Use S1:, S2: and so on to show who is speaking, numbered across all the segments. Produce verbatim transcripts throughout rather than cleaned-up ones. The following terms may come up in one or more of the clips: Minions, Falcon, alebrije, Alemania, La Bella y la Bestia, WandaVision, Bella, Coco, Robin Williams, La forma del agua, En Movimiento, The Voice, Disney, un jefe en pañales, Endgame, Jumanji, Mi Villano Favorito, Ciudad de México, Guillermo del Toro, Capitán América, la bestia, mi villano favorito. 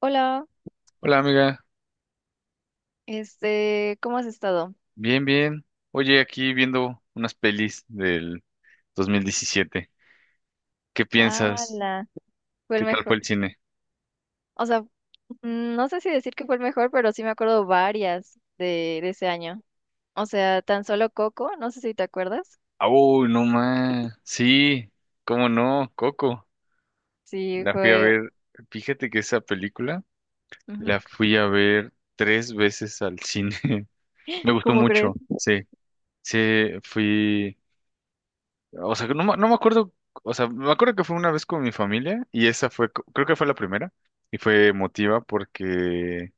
S1: Hola,
S2: Hola amiga,
S1: este, ¿cómo has estado?
S2: bien, bien. Oye, aquí viendo unas pelis del dos mil diecisiete. ¿Qué piensas?
S1: Ala, fue
S2: ¿Qué
S1: el
S2: tal fue
S1: mejor.
S2: el cine?
S1: O sea, mm, no sé si decir que fue el mejor, pero sí me acuerdo varias de, de ese año. O sea, tan solo Coco, no sé si te acuerdas.
S2: Ah, uy, no más. Sí, cómo no, Coco.
S1: Sí,
S2: La fui a
S1: fue.
S2: ver. Fíjate que esa película
S1: Ujú.
S2: la fui a ver tres veces al cine. Me gustó
S1: ¿Cómo crees?
S2: mucho. Sí, sí, fui. O sea, no, me- no me acuerdo. O sea, me acuerdo que fue una vez con mi familia y esa fue, creo que fue la primera y fue emotiva porque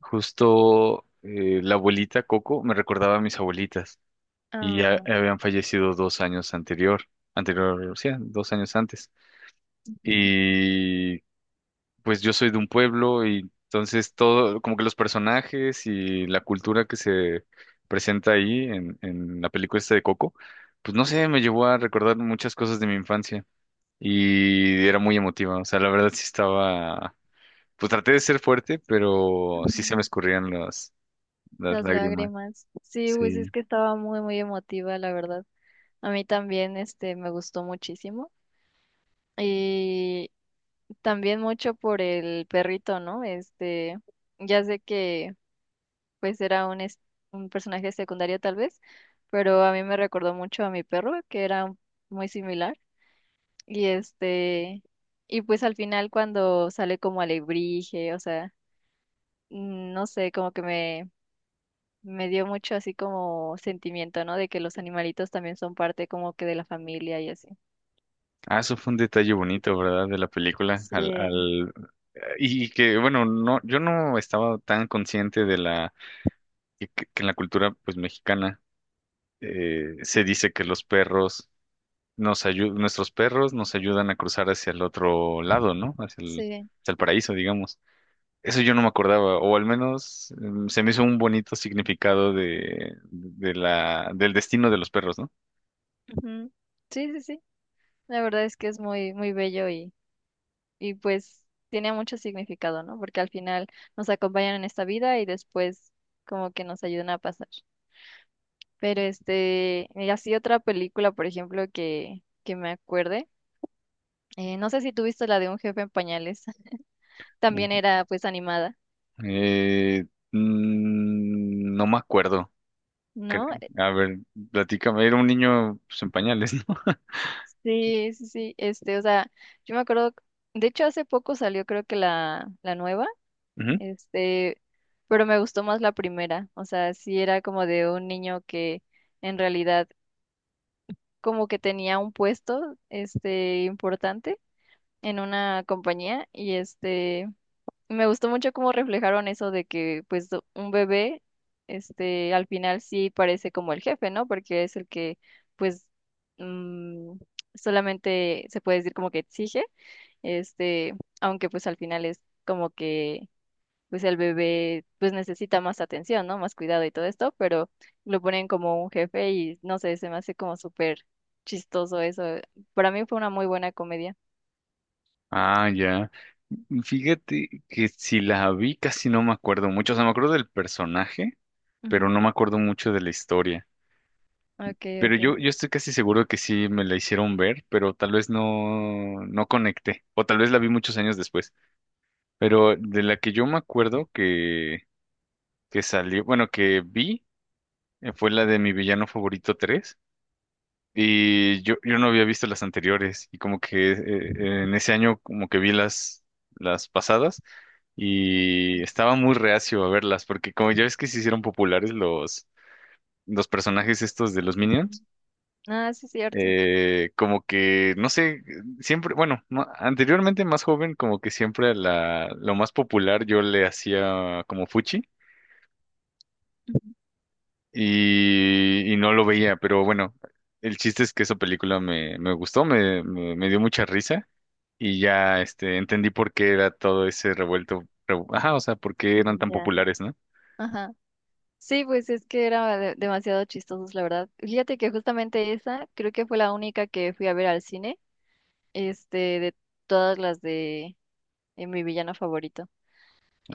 S2: Justo eh, la abuelita Coco me recordaba a mis abuelitas y ya
S1: Ah,
S2: habían fallecido dos años anterior, anterior, sí, dos años antes.
S1: ujú,
S2: Y pues yo soy de un pueblo y entonces todo, como que los personajes y la cultura que se presenta ahí en, en la película esta de Coco, pues no sé, me llevó a recordar muchas cosas de mi infancia y era muy emotiva. O sea, la verdad sí estaba, pues traté de ser fuerte, pero sí se
S1: ujú.
S2: me escurrían las las
S1: Las
S2: lágrimas.
S1: lágrimas. Sí, pues es
S2: Sí.
S1: que estaba muy, muy emotiva, la verdad. A mí también, este, me gustó muchísimo. Y también mucho por el perrito, ¿no? Este, ya sé que. Pues era un, es- un personaje secundario tal vez, pero a mí me recordó mucho a mi perro, que era un- muy similar. Y este, y pues al final cuando sale como alebrije, o sea, mm, no sé, como que me, me dio mucho así como sentimiento, ¿no? De que los animalitos también son parte como que de la familia y así.
S2: Ah, eso fue un detalle bonito, ¿verdad? De la película. Al,
S1: Sí,
S2: al... Y y que, bueno, no, yo no estaba tan consciente de la que, que en la cultura pues mexicana eh, se dice que los perros nos ayudan, nuestros perros nos ayudan a cruzar hacia el otro lado, ¿no? Hacia el,
S1: sí.
S2: hacia el paraíso, digamos. Eso yo no me acordaba, o al menos mm, se me hizo un bonito significado de, de la, del destino de los perros, ¿no?
S1: Ujú. Sí, sí, sí. La verdad es que es muy, muy bello y y pues tiene mucho significado, ¿no? Porque al final nos acompañan en esta vida y después como que nos ayudan a pasar. Pero este, y así otra película, por ejemplo, que, que me acuerde, eh, no sé si tú viste la de un jefe en pañales, también
S2: Ujú.
S1: era pues animada,
S2: Eh, mm, no me acuerdo.
S1: ¿no?
S2: cre- A ver, platícame, era un niño pues, en pañales, ¿no?
S1: Sí, sí, sí, este, o sea, yo me acuerdo, de hecho hace poco salió creo que la, la nueva,
S2: Ujú.
S1: este, pero me gustó más la primera, o sea, sí era como de un niño que en realidad como que tenía un puesto, este, importante en una compañía y este, me gustó mucho cómo reflejaron eso de que, pues, do- un bebé, este, al final sí parece como el jefe, ¿no? Porque es el que, pues, mm, solamente se puede decir como que exige, este, aunque pues al final es como que pues el bebé pues necesita más atención, ¿no? Más cuidado y todo esto, pero lo ponen como un jefe y no sé, se me hace como súper chistoso eso. Para mí fue una muy buena comedia.
S2: Ah, ya. Fíjate que si la vi casi no me acuerdo mucho, o sea, me acuerdo del personaje, pero
S1: Ujú.
S2: no me acuerdo mucho de la historia.
S1: Ok,
S2: Pero
S1: ok.
S2: yo, yo estoy casi seguro que sí me la hicieron ver, pero tal vez no, no conecté, o tal vez la vi muchos años después. Pero de la que yo me acuerdo que, que salió, bueno, que vi, eh, fue la de Mi Villano Favorito tres. Y yo, yo no había visto las anteriores y como que eh, eh, en ese año como que vi las, las pasadas y estaba muy reacio a verlas porque como ya ves que se hicieron populares los, los personajes estos de los
S1: Ujú.
S2: Minions,
S1: Ah, sí, es cierto.
S2: eh, como que no sé, siempre, bueno, ma- anteriormente más joven como que siempre a la, lo más popular yo le hacía como fuchi y, y no lo veía, pero bueno, el chiste es que esa película me, me gustó, me, me me dio mucha risa. Y ya este entendí por qué era todo ese revuelto, revu- ajá, o sea, por qué eran
S1: Ujú.
S2: tan
S1: Ya.
S2: populares, ¿no?
S1: Ajá. Sí, pues es que era de- demasiado chistosos, la verdad. Fíjate que justamente esa creo que fue la única que fui a ver al cine, este, de todas las de eh, mi villano favorito.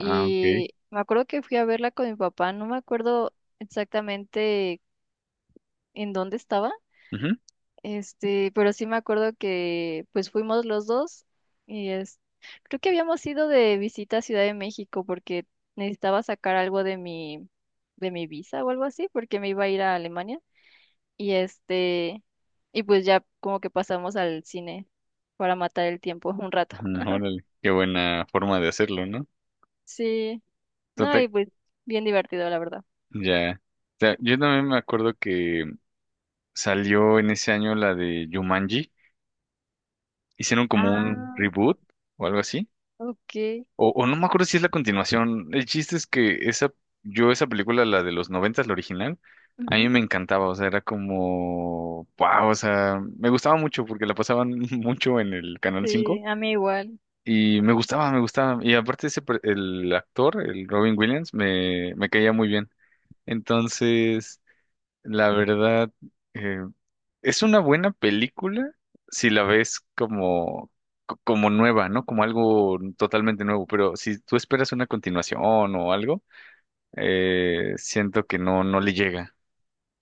S2: Ah, ok.
S1: me acuerdo que fui a verla con mi papá, no me acuerdo exactamente en dónde estaba,
S2: Ujú,
S1: este, pero sí me acuerdo que pues fuimos los dos y es, creo que habíamos ido de visita a Ciudad de México porque necesitaba sacar algo de mi, de mi visa o algo así, porque me iba a ir a Alemania y este, y pues ya como que pasamos al cine para matar el tiempo un rato.
S2: ujú, órale, qué buena forma de hacerlo, ¿no?
S1: Sí, no,
S2: Tota-
S1: y pues bien divertido, la verdad.
S2: ya. O sea, yo también me acuerdo que salió en ese año la de Jumanji, hicieron como un
S1: Ah,
S2: reboot o algo así.
S1: ok.
S2: O, o no me acuerdo si es la continuación. El chiste es que esa, yo esa película, la de los noventas, la original, a mí
S1: Ujú.
S2: me encantaba. O sea, era como, wow, o sea, me gustaba mucho porque la pasaban mucho en el Canal
S1: Sí,
S2: cinco
S1: a mí igual.
S2: y me gustaba, me gustaba. Y aparte ese, per- el actor, el Robin Williams, me, me caía muy bien. Entonces, la verdad, eh, es una buena película si la ves como, co- como nueva, ¿no? Como algo totalmente nuevo, pero si tú esperas una continuación o algo, eh, siento que no, no le llega.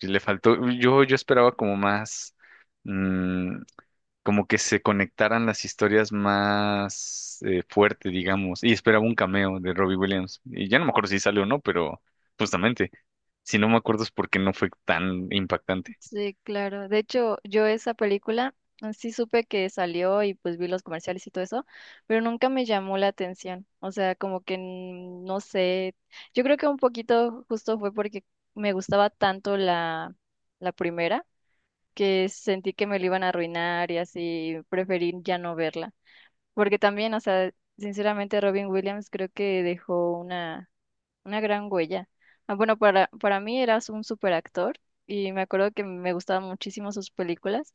S2: Sí Le faltó, yo, yo esperaba como más, mm, como que se conectaran las historias más eh, fuerte, digamos, y esperaba un cameo de Robbie Williams. Y ya no me acuerdo si salió o no, pero justamente, si no me acuerdo es porque no fue tan impactante.
S1: Sí, claro. De hecho, yo esa película eh, sí supe que salió y pues vi los comerciales y todo eso, pero nunca me llamó la atención. O sea, como que mm, no sé. Yo creo que un poquito justo fue porque me gustaba tanto la, la primera que sentí que me lo iban a arruinar y así preferí ya no verla. Porque también, o sea, sinceramente Robin Williams creo que dejó una Una gran huella. Ah, bueno, para, para mí eras un superactor y me acuerdo que me gustaban muchísimo sus películas,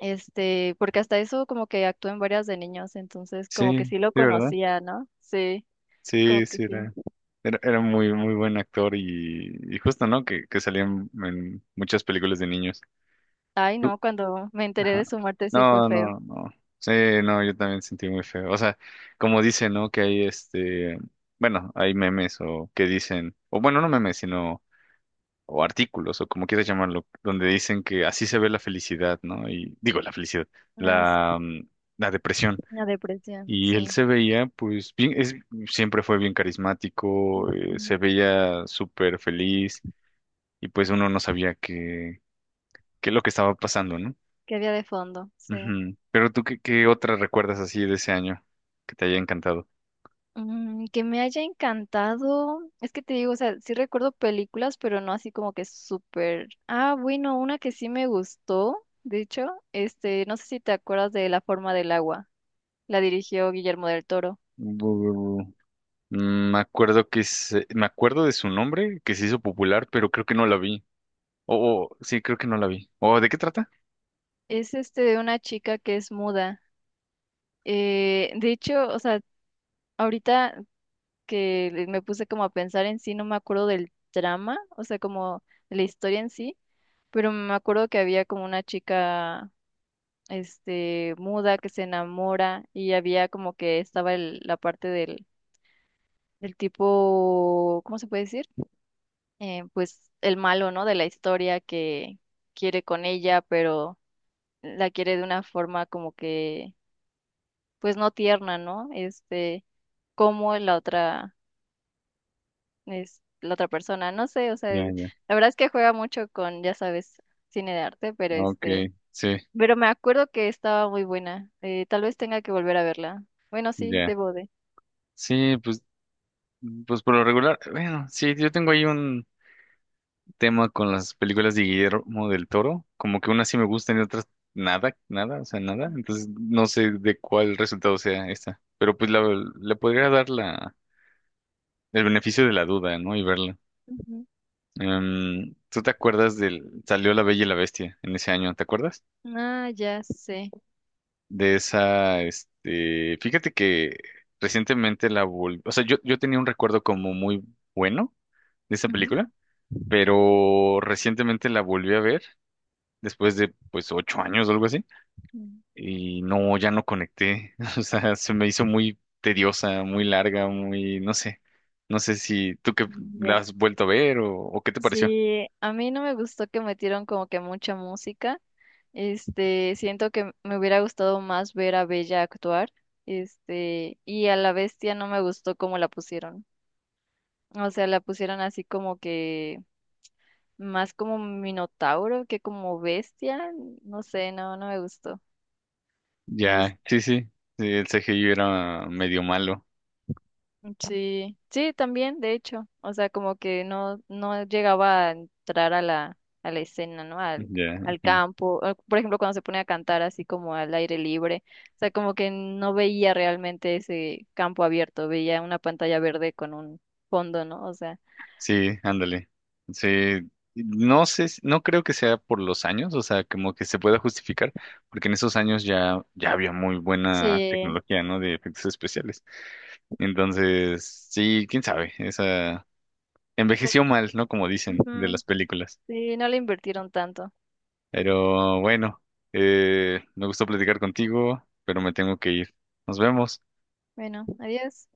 S1: este, porque hasta eso como que actuó en varias de niños, entonces como
S2: Sí,
S1: que sí lo
S2: sí, ¿verdad?
S1: conocía, ¿no? Sí, como
S2: Sí,
S1: que
S2: sí,
S1: sí.
S2: era, era, era muy, muy buen actor y, y justo, ¿no? Que, que salía en, en muchas películas de niños.
S1: Ay,
S2: Tú-
S1: no, cuando me enteré
S2: Ajá.
S1: de su muerte sí fue
S2: No,
S1: feo.
S2: no, no. Sí, no, yo también sentí muy feo. O sea, como dicen, ¿no? Que hay este, bueno, hay memes o que dicen, o bueno, no memes, sino, o artículos, o como quieras llamarlo, donde dicen que así se ve la felicidad, ¿no? Y digo, la felicidad,
S1: Una,
S2: la, mm, la depresión.
S1: una depresión,
S2: Y él
S1: sí.
S2: se veía, pues, bien, es, siempre fue bien carismático, eh,
S1: Ujú.
S2: se veía súper feliz y pues uno no sabía qué, qué es lo que estaba pasando, ¿no?
S1: Que había de fondo, sí.
S2: Ujú. Pero tú, ¿qué, qué otra recuerdas así de ese año que te haya encantado?
S1: Mm, que me haya encantado. Es que te digo, o sea, sí recuerdo películas, pero no así como que súper. Ah, bueno, una que sí me gustó, de hecho, este, no sé si te acuerdas de La forma del agua. La dirigió Guillermo del Toro.
S2: Bu- Mm, Me acuerdo que se- me acuerdo de su nombre, que se hizo popular, pero creo que no la vi. Oh, oh, sí, creo que no la vi. Oh, ¿de qué trata?
S1: Es este de una chica que es muda. Eh, de hecho, o sea, ahorita que le- me puse como a pensar en sí, no me acuerdo del drama, o sea, como de la historia en sí, pero me acuerdo que había como una chica. Este, muda que se enamora y había como que estaba el- la parte del, del tipo, ¿cómo se puede decir? Eh, pues el malo, ¿no? De la historia que quiere con ella, pero la quiere de una forma como que, pues no tierna, ¿no? Este, como la otra, es la otra persona, no sé, o sea,
S2: Ya,
S1: es-
S2: ya.
S1: la verdad es que juega mucho con, ya sabes, cine de arte, pero
S2: Ok,
S1: este,
S2: sí,
S1: pero me acuerdo que estaba muy buena, eh, tal vez tenga que volver a verla. Bueno, sí,
S2: ya.
S1: debo de.
S2: Sí, pues, pues por lo regular, bueno, sí, yo tengo ahí un tema con las películas de Guillermo del Toro, como que unas sí me gustan y otras nada, nada, o sea, nada. Entonces no sé de cuál resultado sea esta, pero pues la, le podría dar la, el beneficio de la duda, ¿no? Y verla.
S1: Ujú.
S2: Em, ¿tú te acuerdas, del, salió La Bella y la Bestia en ese año? ¿Te acuerdas?
S1: Ah, ya sé.
S2: De esa, este, fíjate que recientemente la volví, o sea, yo, yo tenía un recuerdo como muy bueno de esa
S1: Ujú.
S2: película, pero recientemente la volví a ver después de pues ocho años o algo así.
S1: Mm.
S2: Y no, ya no conecté. O sea, se me hizo muy tediosa, muy larga, muy, no sé. No sé si tú que la
S1: Ya.
S2: has vuelto a ver o, o qué te pareció.
S1: Sí, a mí no me gustó que metieron como que mucha música. Este, siento que me hubiera gustado más ver a Bella actuar. Este, y a la bestia no me gustó cómo la pusieron. O sea, la pusieron así como que más como minotauro que como bestia. No sé, no, no me gustó.
S2: Ya, sí, sí, sí, el C G I era medio malo.
S1: Sí, sí, también, de hecho, o sea, como que no, no llegaba a entrar a la, a la escena, ¿no? Al,
S2: Ya,
S1: al
S2: ujú.
S1: campo, o, por ejemplo, cuando se pone a cantar así como al aire libre, o sea, como que no veía realmente ese campo abierto, veía una pantalla verde con un fondo, ¿no? O sea,
S2: Sí, ándale. Sí, no sé, si- no creo que sea por los años, o sea, como que se pueda justificar, porque en esos años ya, ya había muy buena
S1: sí,
S2: tecnología, ¿no? De efectos especiales. Entonces, sí, quién sabe, esa. Envejeció
S1: como-
S2: mal, ¿no? Como dicen de
S1: ujú,
S2: las películas.
S1: sí, no le invirtieron tanto.
S2: Pero bueno, eh, me gustó platicar contigo, pero me tengo que ir. Nos vemos.
S1: Bueno, adiós.